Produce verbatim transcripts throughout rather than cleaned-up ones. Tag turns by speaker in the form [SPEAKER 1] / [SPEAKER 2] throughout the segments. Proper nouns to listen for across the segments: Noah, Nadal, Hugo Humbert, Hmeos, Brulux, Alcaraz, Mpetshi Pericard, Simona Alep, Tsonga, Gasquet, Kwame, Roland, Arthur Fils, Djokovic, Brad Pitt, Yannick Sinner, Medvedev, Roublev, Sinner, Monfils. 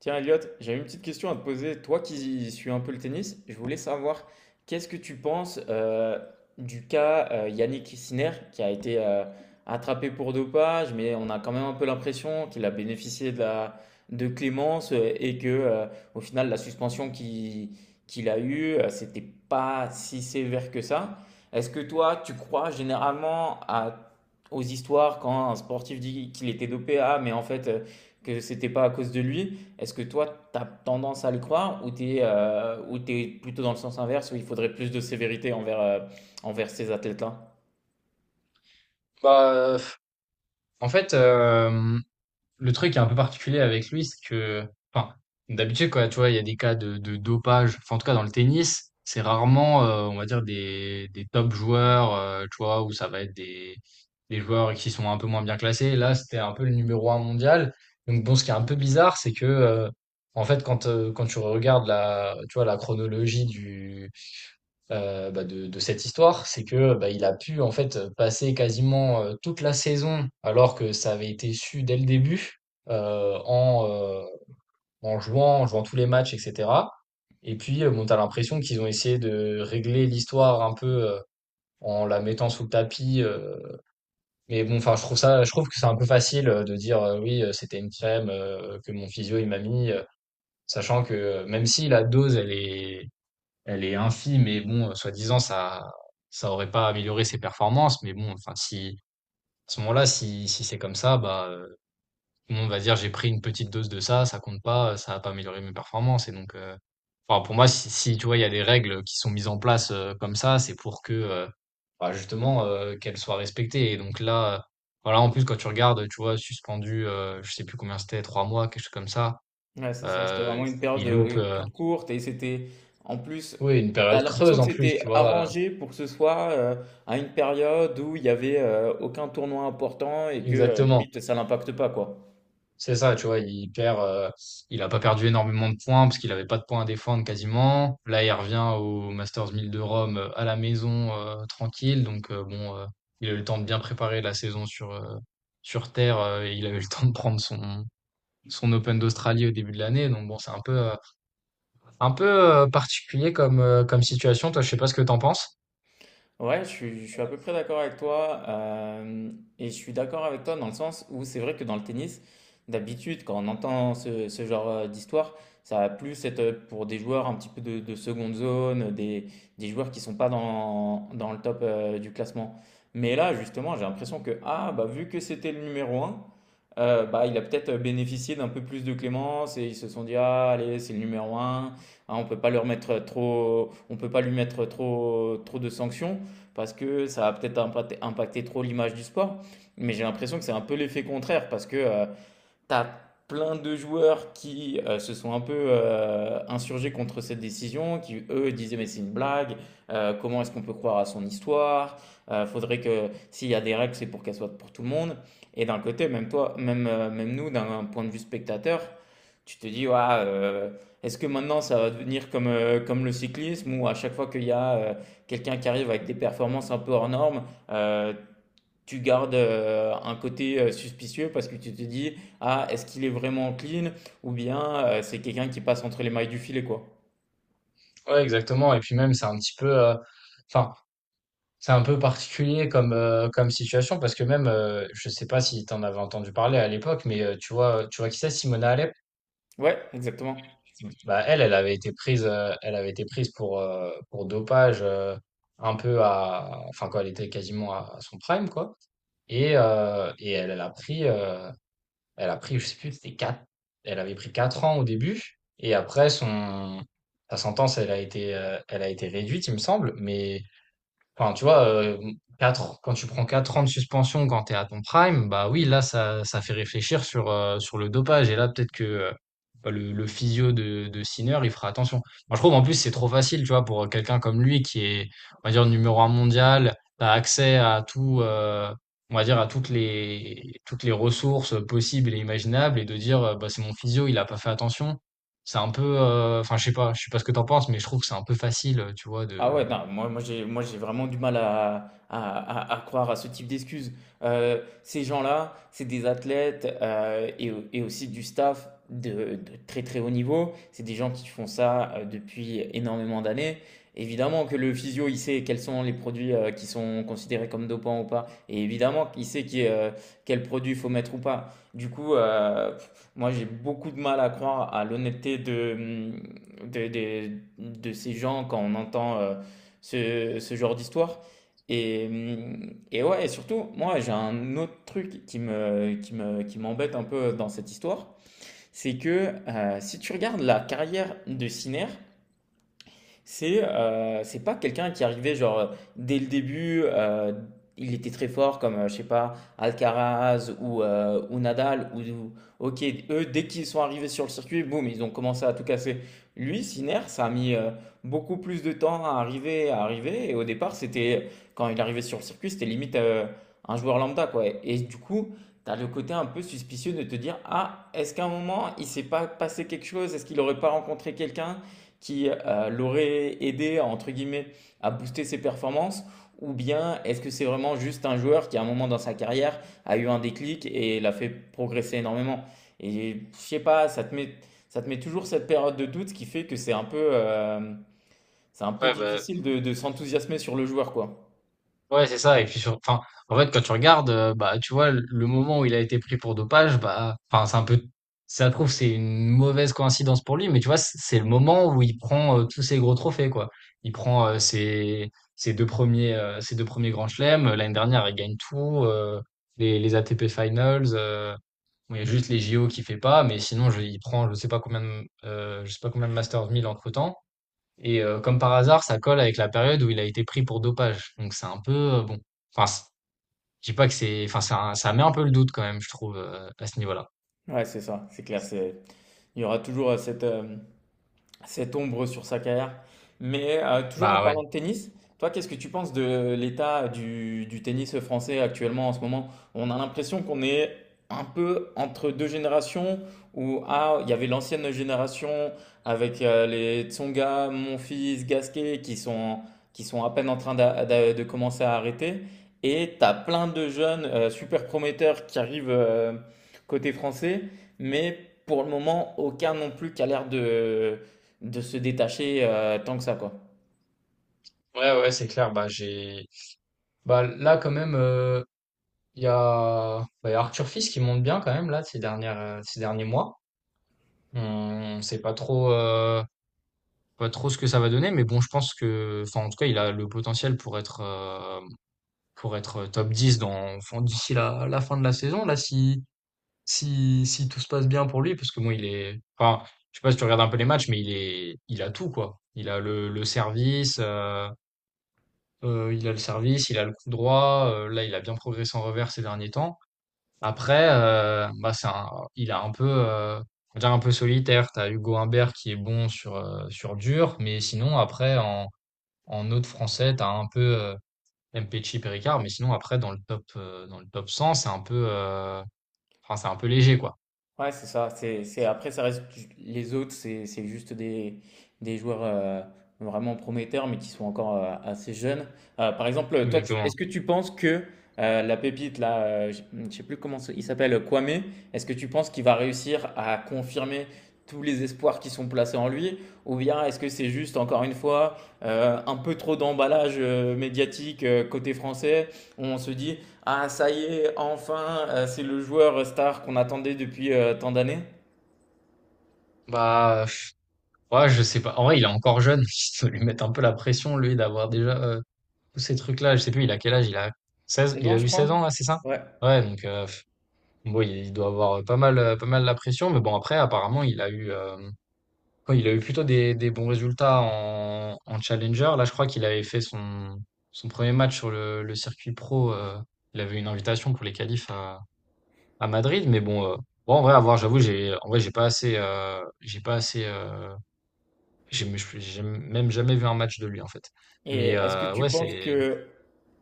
[SPEAKER 1] Tiens, Elliot, j'ai une petite question à te poser. Toi qui suis un peu le tennis, je voulais savoir qu'est-ce que tu penses euh, du cas euh, Yannick Sinner qui a été euh, attrapé pour dopage, mais on a quand même un peu l'impression qu'il a bénéficié de la de clémence euh, et que euh, au final la suspension qui- qu'il a eue, euh, c'était pas si sévère que ça. Est-ce que toi, tu crois généralement à- aux histoires quand un sportif dit qu'il était dopé, ah mais en fait euh, que c'était pas à cause de lui? Est-ce que toi, tu as tendance à le croire ou tu es, euh, ou tu es plutôt dans le sens inverse où il faudrait plus de sévérité envers, euh, envers ces athlètes-là?
[SPEAKER 2] Bah, euh, en fait, euh, le truc qui est un peu particulier avec lui, c'est que, enfin, d'habitude, quoi, tu vois, il y a des cas de, de dopage. Enfin, en tout cas, dans le tennis, c'est rarement, euh, on va dire, des, des top joueurs, euh, tu vois, où ça va être des, des joueurs qui sont un peu moins bien classés. Là, c'était un peu le numéro un mondial. Donc, bon, ce qui est un peu bizarre, c'est que, euh, en fait, quand, euh, quand tu regardes la, tu vois, la chronologie euh, bah, de, de cette histoire, c'est que bah, il a pu en fait passer quasiment euh, toute la saison, alors que ça avait été su dès le début, euh, en, euh, en jouant, en jouant tous les matchs, et cetera. Et puis, euh, bon, t'as l'impression qu'ils ont essayé de régler l'histoire un peu euh, en la mettant sous le tapis. euh. Mais bon, enfin, je trouve ça, je trouve que c'est un peu facile euh, de dire euh, oui, euh, c'était une crème euh, que mon physio il m'a mis, euh, sachant que euh, même si la dose elle est elle est infime et bon, euh, soi-disant, ça ça aurait pas amélioré ses performances. Mais bon, enfin, si à ce moment-là, si, si c'est comme ça, bah, euh, tout le monde va dire j'ai pris une petite dose de ça, ça compte pas, euh, ça a pas amélioré mes performances. Et donc, euh, enfin, pour moi, si, si, tu vois, il y a des règles qui sont mises en place euh, comme ça, c'est pour que euh, bah, justement euh, qu'elles soient respectées. Et donc là, euh, voilà, en plus, quand tu regardes, tu vois, suspendu, euh, je sais plus combien c'était, trois mois, quelque chose comme ça.
[SPEAKER 1] Ouais, c'est ça. C'était
[SPEAKER 2] Euh,
[SPEAKER 1] vraiment une période
[SPEAKER 2] il loupe
[SPEAKER 1] euh,
[SPEAKER 2] euh,
[SPEAKER 1] toute courte et c'était en plus,
[SPEAKER 2] oui, une
[SPEAKER 1] tu as
[SPEAKER 2] période
[SPEAKER 1] l'impression
[SPEAKER 2] creuse
[SPEAKER 1] que
[SPEAKER 2] en plus,
[SPEAKER 1] c'était
[SPEAKER 2] tu vois. euh,
[SPEAKER 1] arrangé pour que ce soit euh, à une période où il n'y avait euh, aucun tournoi important et que euh,
[SPEAKER 2] Exactement.
[SPEAKER 1] limite ça n'impacte pas quoi.
[SPEAKER 2] C'est ça, tu vois, il perd, euh, il a pas perdu énormément de points parce qu'il avait pas de points à défendre quasiment. Là, il revient au Masters mille de Rome euh, à la maison euh, tranquille, donc euh, bon, euh, il a eu le temps de bien préparer la saison sur euh, sur terre euh, et il a eu le temps de prendre son son Open d'Australie au début de l'année, donc bon, c'est un peu euh, un peu euh, particulier comme euh, comme situation. Toi, je sais pas ce que t'en penses.
[SPEAKER 1] Ouais, je suis, je suis à peu près d'accord avec toi. Euh, et je suis d'accord avec toi dans le sens où c'est vrai que dans le tennis, d'habitude, quand on entend ce, ce genre euh, d'histoire, ça va plus être euh, pour des joueurs un petit peu de, de seconde zone, des, des joueurs qui sont pas dans, dans le top euh, du classement. Mais là, justement, j'ai l'impression que, ah, bah, vu que c'était le numéro un, euh, bah, il a peut-être bénéficié d'un peu plus de clémence et ils se sont dit, ah, allez, c'est le numéro un, hein, on peut pas leur mettre trop, on peut pas lui mettre trop, trop de sanctions parce que ça va peut-être impacter, impacter trop l'image du sport. Mais j'ai l'impression que c'est un peu l'effet contraire parce que euh, t'as plein de joueurs qui euh, se sont un peu euh, insurgés contre cette décision, qui eux disaient mais c'est une blague, euh, comment est-ce qu'on peut croire à son histoire? Euh, faudrait que s'il y a des règles c'est pour qu'elles soient pour tout le monde. Et d'un côté, même toi, même, euh, même nous, d'un point de vue spectateur, tu te dis ouah, euh, est-ce que maintenant ça va devenir comme, euh, comme le cyclisme où à chaque fois qu'il y a euh, quelqu'un qui arrive avec des performances un peu hors normes, euh, tu gardes euh, un côté euh, suspicieux parce que tu te dis, ah, est-ce qu'il est vraiment clean ou bien euh, c'est quelqu'un qui passe entre les mailles du filet, quoi.
[SPEAKER 2] Ouais, exactement. Et puis même, c'est un petit peu, euh, enfin. C'est un peu particulier comme, euh, comme situation parce que même, euh, je sais pas si tu en avais entendu parler à l'époque, mais euh, tu vois, tu vois qui c'est, Simona Alep?
[SPEAKER 1] Ouais, exactement.
[SPEAKER 2] Bah, elle, elle avait été prise, euh, elle avait été prise pour, euh, pour dopage euh, un peu à, enfin quand elle était quasiment à, à son prime, quoi. Et, euh, et elle, elle a pris, euh, elle a pris, je sais plus, c'était quatre, elle avait pris quatre ans au début, et après son, sa sentence, elle a été, euh, elle a été réduite, il me semble, mais enfin, tu vois, euh, quatre, quand tu prends quatre ans de suspension quand tu es à ton prime, bah oui, là, ça, ça fait réfléchir sur, euh, sur le dopage. Et là, peut-être que euh, bah, le, le physio de, de Sinner, il fera attention. Moi, je trouve, en plus, c'est trop facile, tu vois, pour quelqu'un comme lui qui est, on va dire, numéro un mondial, tu as accès à tout, euh, on va dire, à toutes les, toutes les ressources possibles et imaginables et de dire, euh, bah, c'est mon physio, il a pas fait attention. C'est un peu, euh, enfin, je sais pas, je sais pas ce que t'en penses, mais je trouve que c'est un peu facile, tu vois,
[SPEAKER 1] Ah ouais,
[SPEAKER 2] de,
[SPEAKER 1] non, moi, moi j'ai, moi j'ai vraiment du mal à, à, à- à croire à ce type d'excuses. Euh, ces gens-là, c'est des athlètes euh, et, au- et aussi du staff de, de très très haut niveau. C'est des gens qui font ça euh, depuis énormément d'années. Évidemment que le physio, il sait quels sont les produits euh, qui sont considérés comme dopants ou pas. Et évidemment qu'il sait qui, euh, quel produit faut mettre ou pas. Du coup, euh, pff, moi j'ai beaucoup de mal à croire à l'honnêteté de, de, de ces gens quand on entend euh, ce, ce genre d'histoire. Et, hum, et ouais, et surtout, moi, j'ai un autre truc qui me, qui me, qui m'embête un peu dans cette histoire, c'est que euh, si tu regardes la carrière de Sinner, c'est heu, c'est pas quelqu'un qui arrivait genre, heu, dès le début, heu, il était très fort comme, heu, je sais pas, Alcaraz ou, heu, ou Nadal ou ou OK, eux dès qu'ils sont arrivés sur le circuit, boum, ils ont commencé à tout casser. Lui, Sinner, ça a mis, heu, beaucoup plus de temps à arriver à arriver et au départ, c'était quand il arrivait sur le circuit, c'était limite, heu, un joueur lambda, quoi et du coup, t'as le côté un peu suspicieux de te dire: «Ah, est-ce qu'à un moment, il s'est pas passé quelque chose? Est-ce qu'il aurait pas rencontré quelqu'un?» qui euh, l'aurait aidé, entre guillemets, à booster ses performances. Ou bien est-ce que c'est vraiment juste un joueur qui, à un moment dans sa carrière, a eu un déclic et l'a fait progresser énormément? Et je sais pas, ça te met, ça te met toujours cette période de doute, ce qui fait que c'est un peu, euh, c'est un peu
[SPEAKER 2] ouais, bah,
[SPEAKER 1] difficile de, de s'enthousiasmer sur le joueur, quoi.
[SPEAKER 2] Ouais, c'est ça. Et puis, sur, enfin, en fait, quand tu regardes, euh, bah, tu vois, le le moment où il a été pris pour dopage, bah, enfin, c'est un peu, ça se trouve, c'est une mauvaise coïncidence pour lui, mais tu vois, c- c'est le moment où il prend euh, tous ses gros trophées, quoi. Il prend euh, ses, ses deux premiers, euh, ses deux premiers grands chelems. L'année dernière, il gagne tout, euh, les, les A T P Finals. Euh, bon, il y a juste les J O qui fait pas, mais sinon, je, il prend, je sais pas combien de, euh, je sais pas combien de Masters mille entre-temps. Et euh, comme par hasard, ça colle avec la période où il a été pris pour dopage. Donc c'est un peu euh, bon. Enfin, c'est- je dis pas que c'est. Enfin, c'est un- ça met un peu le doute quand même, je trouve, euh, à ce niveau-là.
[SPEAKER 1] Ouais, c'est ça, c'est clair. c'est- Il y aura toujours euh, cette, euh, cette ombre sur sa carrière. Mais euh, toujours en
[SPEAKER 2] Bah ouais.
[SPEAKER 1] parlant de tennis, toi, qu'est-ce que tu penses de l'état du, du tennis français actuellement en ce moment? On a l'impression qu'on est un peu entre deux générations où ah, il y avait l'ancienne génération avec euh, les Tsonga, Monfils, Gasquet qui sont, qui sont à peine en train d'a- d'a- de, commencer à arrêter. Et tu as plein de jeunes euh, super prometteurs qui arrivent euh, côté français, mais pour le moment, aucun non plus qui a l'air de de se détacher euh, tant que ça, quoi.
[SPEAKER 2] Ouais, ouais, c'est clair. Bah j'ai. Bah là quand même, euh, il y a. bah, il y a Arthur Fils qui monte bien quand même là ces dernières euh, ces derniers mois. On sait pas trop euh, pas trop ce que ça va donner, mais bon, je pense que. Enfin, en tout cas, il a le potentiel pour être euh, pour être euh, top dix dans enfin, d'ici la la fin de la saison là si. Si si tout se passe bien pour lui, parce que bon, il est enfin, je sais pas si tu regardes un peu les matchs, mais il est il a tout quoi. Il a le le service, heu heu, il a le service, il a le coup droit, heu, là, il a bien progressé en revers ces derniers temps. Après, heu, bah, c'est un il a un peu, heu, on va dire un peu solitaire. T'as Hugo Humbert qui est bon sur, heu, sur dur, mais sinon après en en autre français, t'as un peu, heu, Mpetshi, Pericard, mais sinon après dans le top, heu, dans le top cent, c'est un peu, heu, enfin, c'est un peu léger quoi.
[SPEAKER 1] Ouais, c'est ça. C'est, c'est, après, ça reste ju- les autres, c'est, c'est juste des, des joueurs euh, vraiment prometteurs, mais qui sont encore euh, assez jeunes. Euh, par exemple, toi, tu-
[SPEAKER 2] Exactement.
[SPEAKER 1] est-ce que tu penses que euh, la pépite, là, euh, je ne sais plus comment ça- il s'appelle, Kwame, est-ce que tu penses qu'il va réussir à confirmer tous les espoirs qui sont placés en lui, ou bien est-ce que c'est juste, encore une fois, euh, un peu trop d'emballage euh, médiatique euh, côté français, où on se dit, ah, ça y est, enfin, euh, c'est le joueur star qu'on attendait depuis euh, tant d'années.
[SPEAKER 2] Bah, pff, ouais, je sais pas. En vrai, il est encore jeune. Il faut lui mettre un peu la pression, lui, d'avoir déjà euh, tous ces trucs-là. Je sais plus, il a quel âge? Il a seize
[SPEAKER 1] Seize
[SPEAKER 2] il
[SPEAKER 1] ans,
[SPEAKER 2] a
[SPEAKER 1] je
[SPEAKER 2] eu seize
[SPEAKER 1] crois.
[SPEAKER 2] ans, là, c'est ça?
[SPEAKER 1] Ouais.
[SPEAKER 2] Ouais, donc, euh, pff, bon, il il doit avoir euh, pas mal, euh, pas mal la pression. Mais bon, après, apparemment, il a eu, euh, quoi, il a eu plutôt des, des bons résultats en, en Challenger. Là, je crois qu'il avait fait son, son premier match sur le, le circuit pro. Euh, il avait une invitation pour les qualifs à, à Madrid. Mais bon, euh, bon, en vrai, à voir, j'avoue, j'ai, en vrai, j'ai pas assez, euh, j'ai pas assez. euh, j'ai mais j'ai même jamais vu un match de lui, en fait.
[SPEAKER 1] Et
[SPEAKER 2] Mais
[SPEAKER 1] est-ce que
[SPEAKER 2] heu,
[SPEAKER 1] tu
[SPEAKER 2] ouais,
[SPEAKER 1] penses
[SPEAKER 2] c'est
[SPEAKER 1] que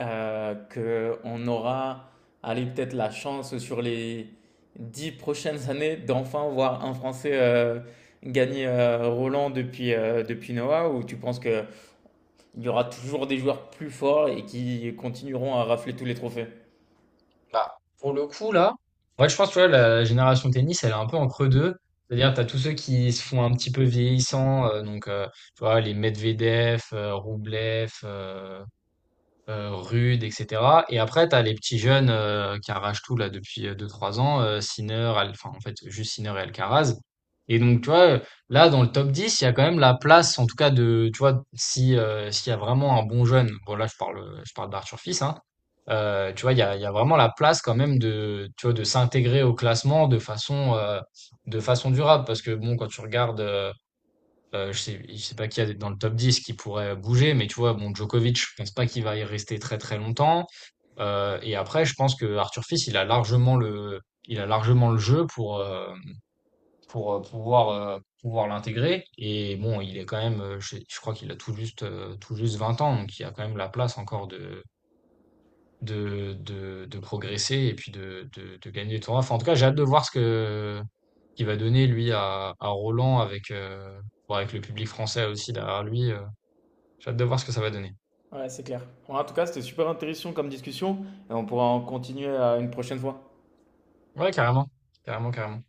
[SPEAKER 1] euh, que on aura, allez, peut-être la chance sur les dix prochaines années d'enfin voir un Français euh, gagner euh, Roland depuis, euh, depuis Noah, ou tu penses qu'il y aura toujours des joueurs plus forts et qui continueront à rafler tous les trophées?
[SPEAKER 2] bah, pour le coup, là, ouais, je pense, tu la génération tennis, elle est un peu entre deux. C'est-à-dire, tu as tous ceux qui se font un petit peu vieillissants, heu, donc heu, tu vois, les Medvedev, heu, Roublev, heu, Rude, et cetera, et après tu as les petits jeunes, heu, qui arrachent tout là depuis, heu, deux trois ans, heu, Sinner, Al enfin en fait juste Sinner et Alcaraz, et donc tu vois, là dans le top dix il y a quand même la place en tout cas de tu vois si, heu, s'il y a vraiment un bon jeune, bon là je parle, je parle d'Arthur Fils, hein, heu, tu vois il y a il y a vraiment la place quand même de tu vois de s'intégrer au classement de façon, heu, de façon durable parce que bon quand tu regardes, euh, Heu, je sais je sais pas qui y a dans le top dix qui pourrait bouger, mais tu vois, bon, Djokovic, je pense pas qu'il va y rester très, très longtemps. Heu et après, je pense que Arthur Fils, il a largement le il a largement le jeu pour, heu, pour, heu, pouvoir, heu, pouvoir l'intégrer et bon, il est quand même, heu, je je crois qu'il a tout juste, heu, tout juste vingt ans, donc il y a quand même la place encore de de de de progresser et puis de de de gagner des tournois. Enfin, en tout cas, j'ai hâte de voir ce que qu'il va donner lui à à Roland avec, heu, bah, avec le public français aussi derrière lui, heu, j'ai hâte de voir ce que ça va donner.
[SPEAKER 1] Ouais, c'est clair. Bon, en tout cas, c'était super intéressant comme discussion et on pourra en continuer à une prochaine fois.
[SPEAKER 2] Ouais, carrément. Carrément, carrément.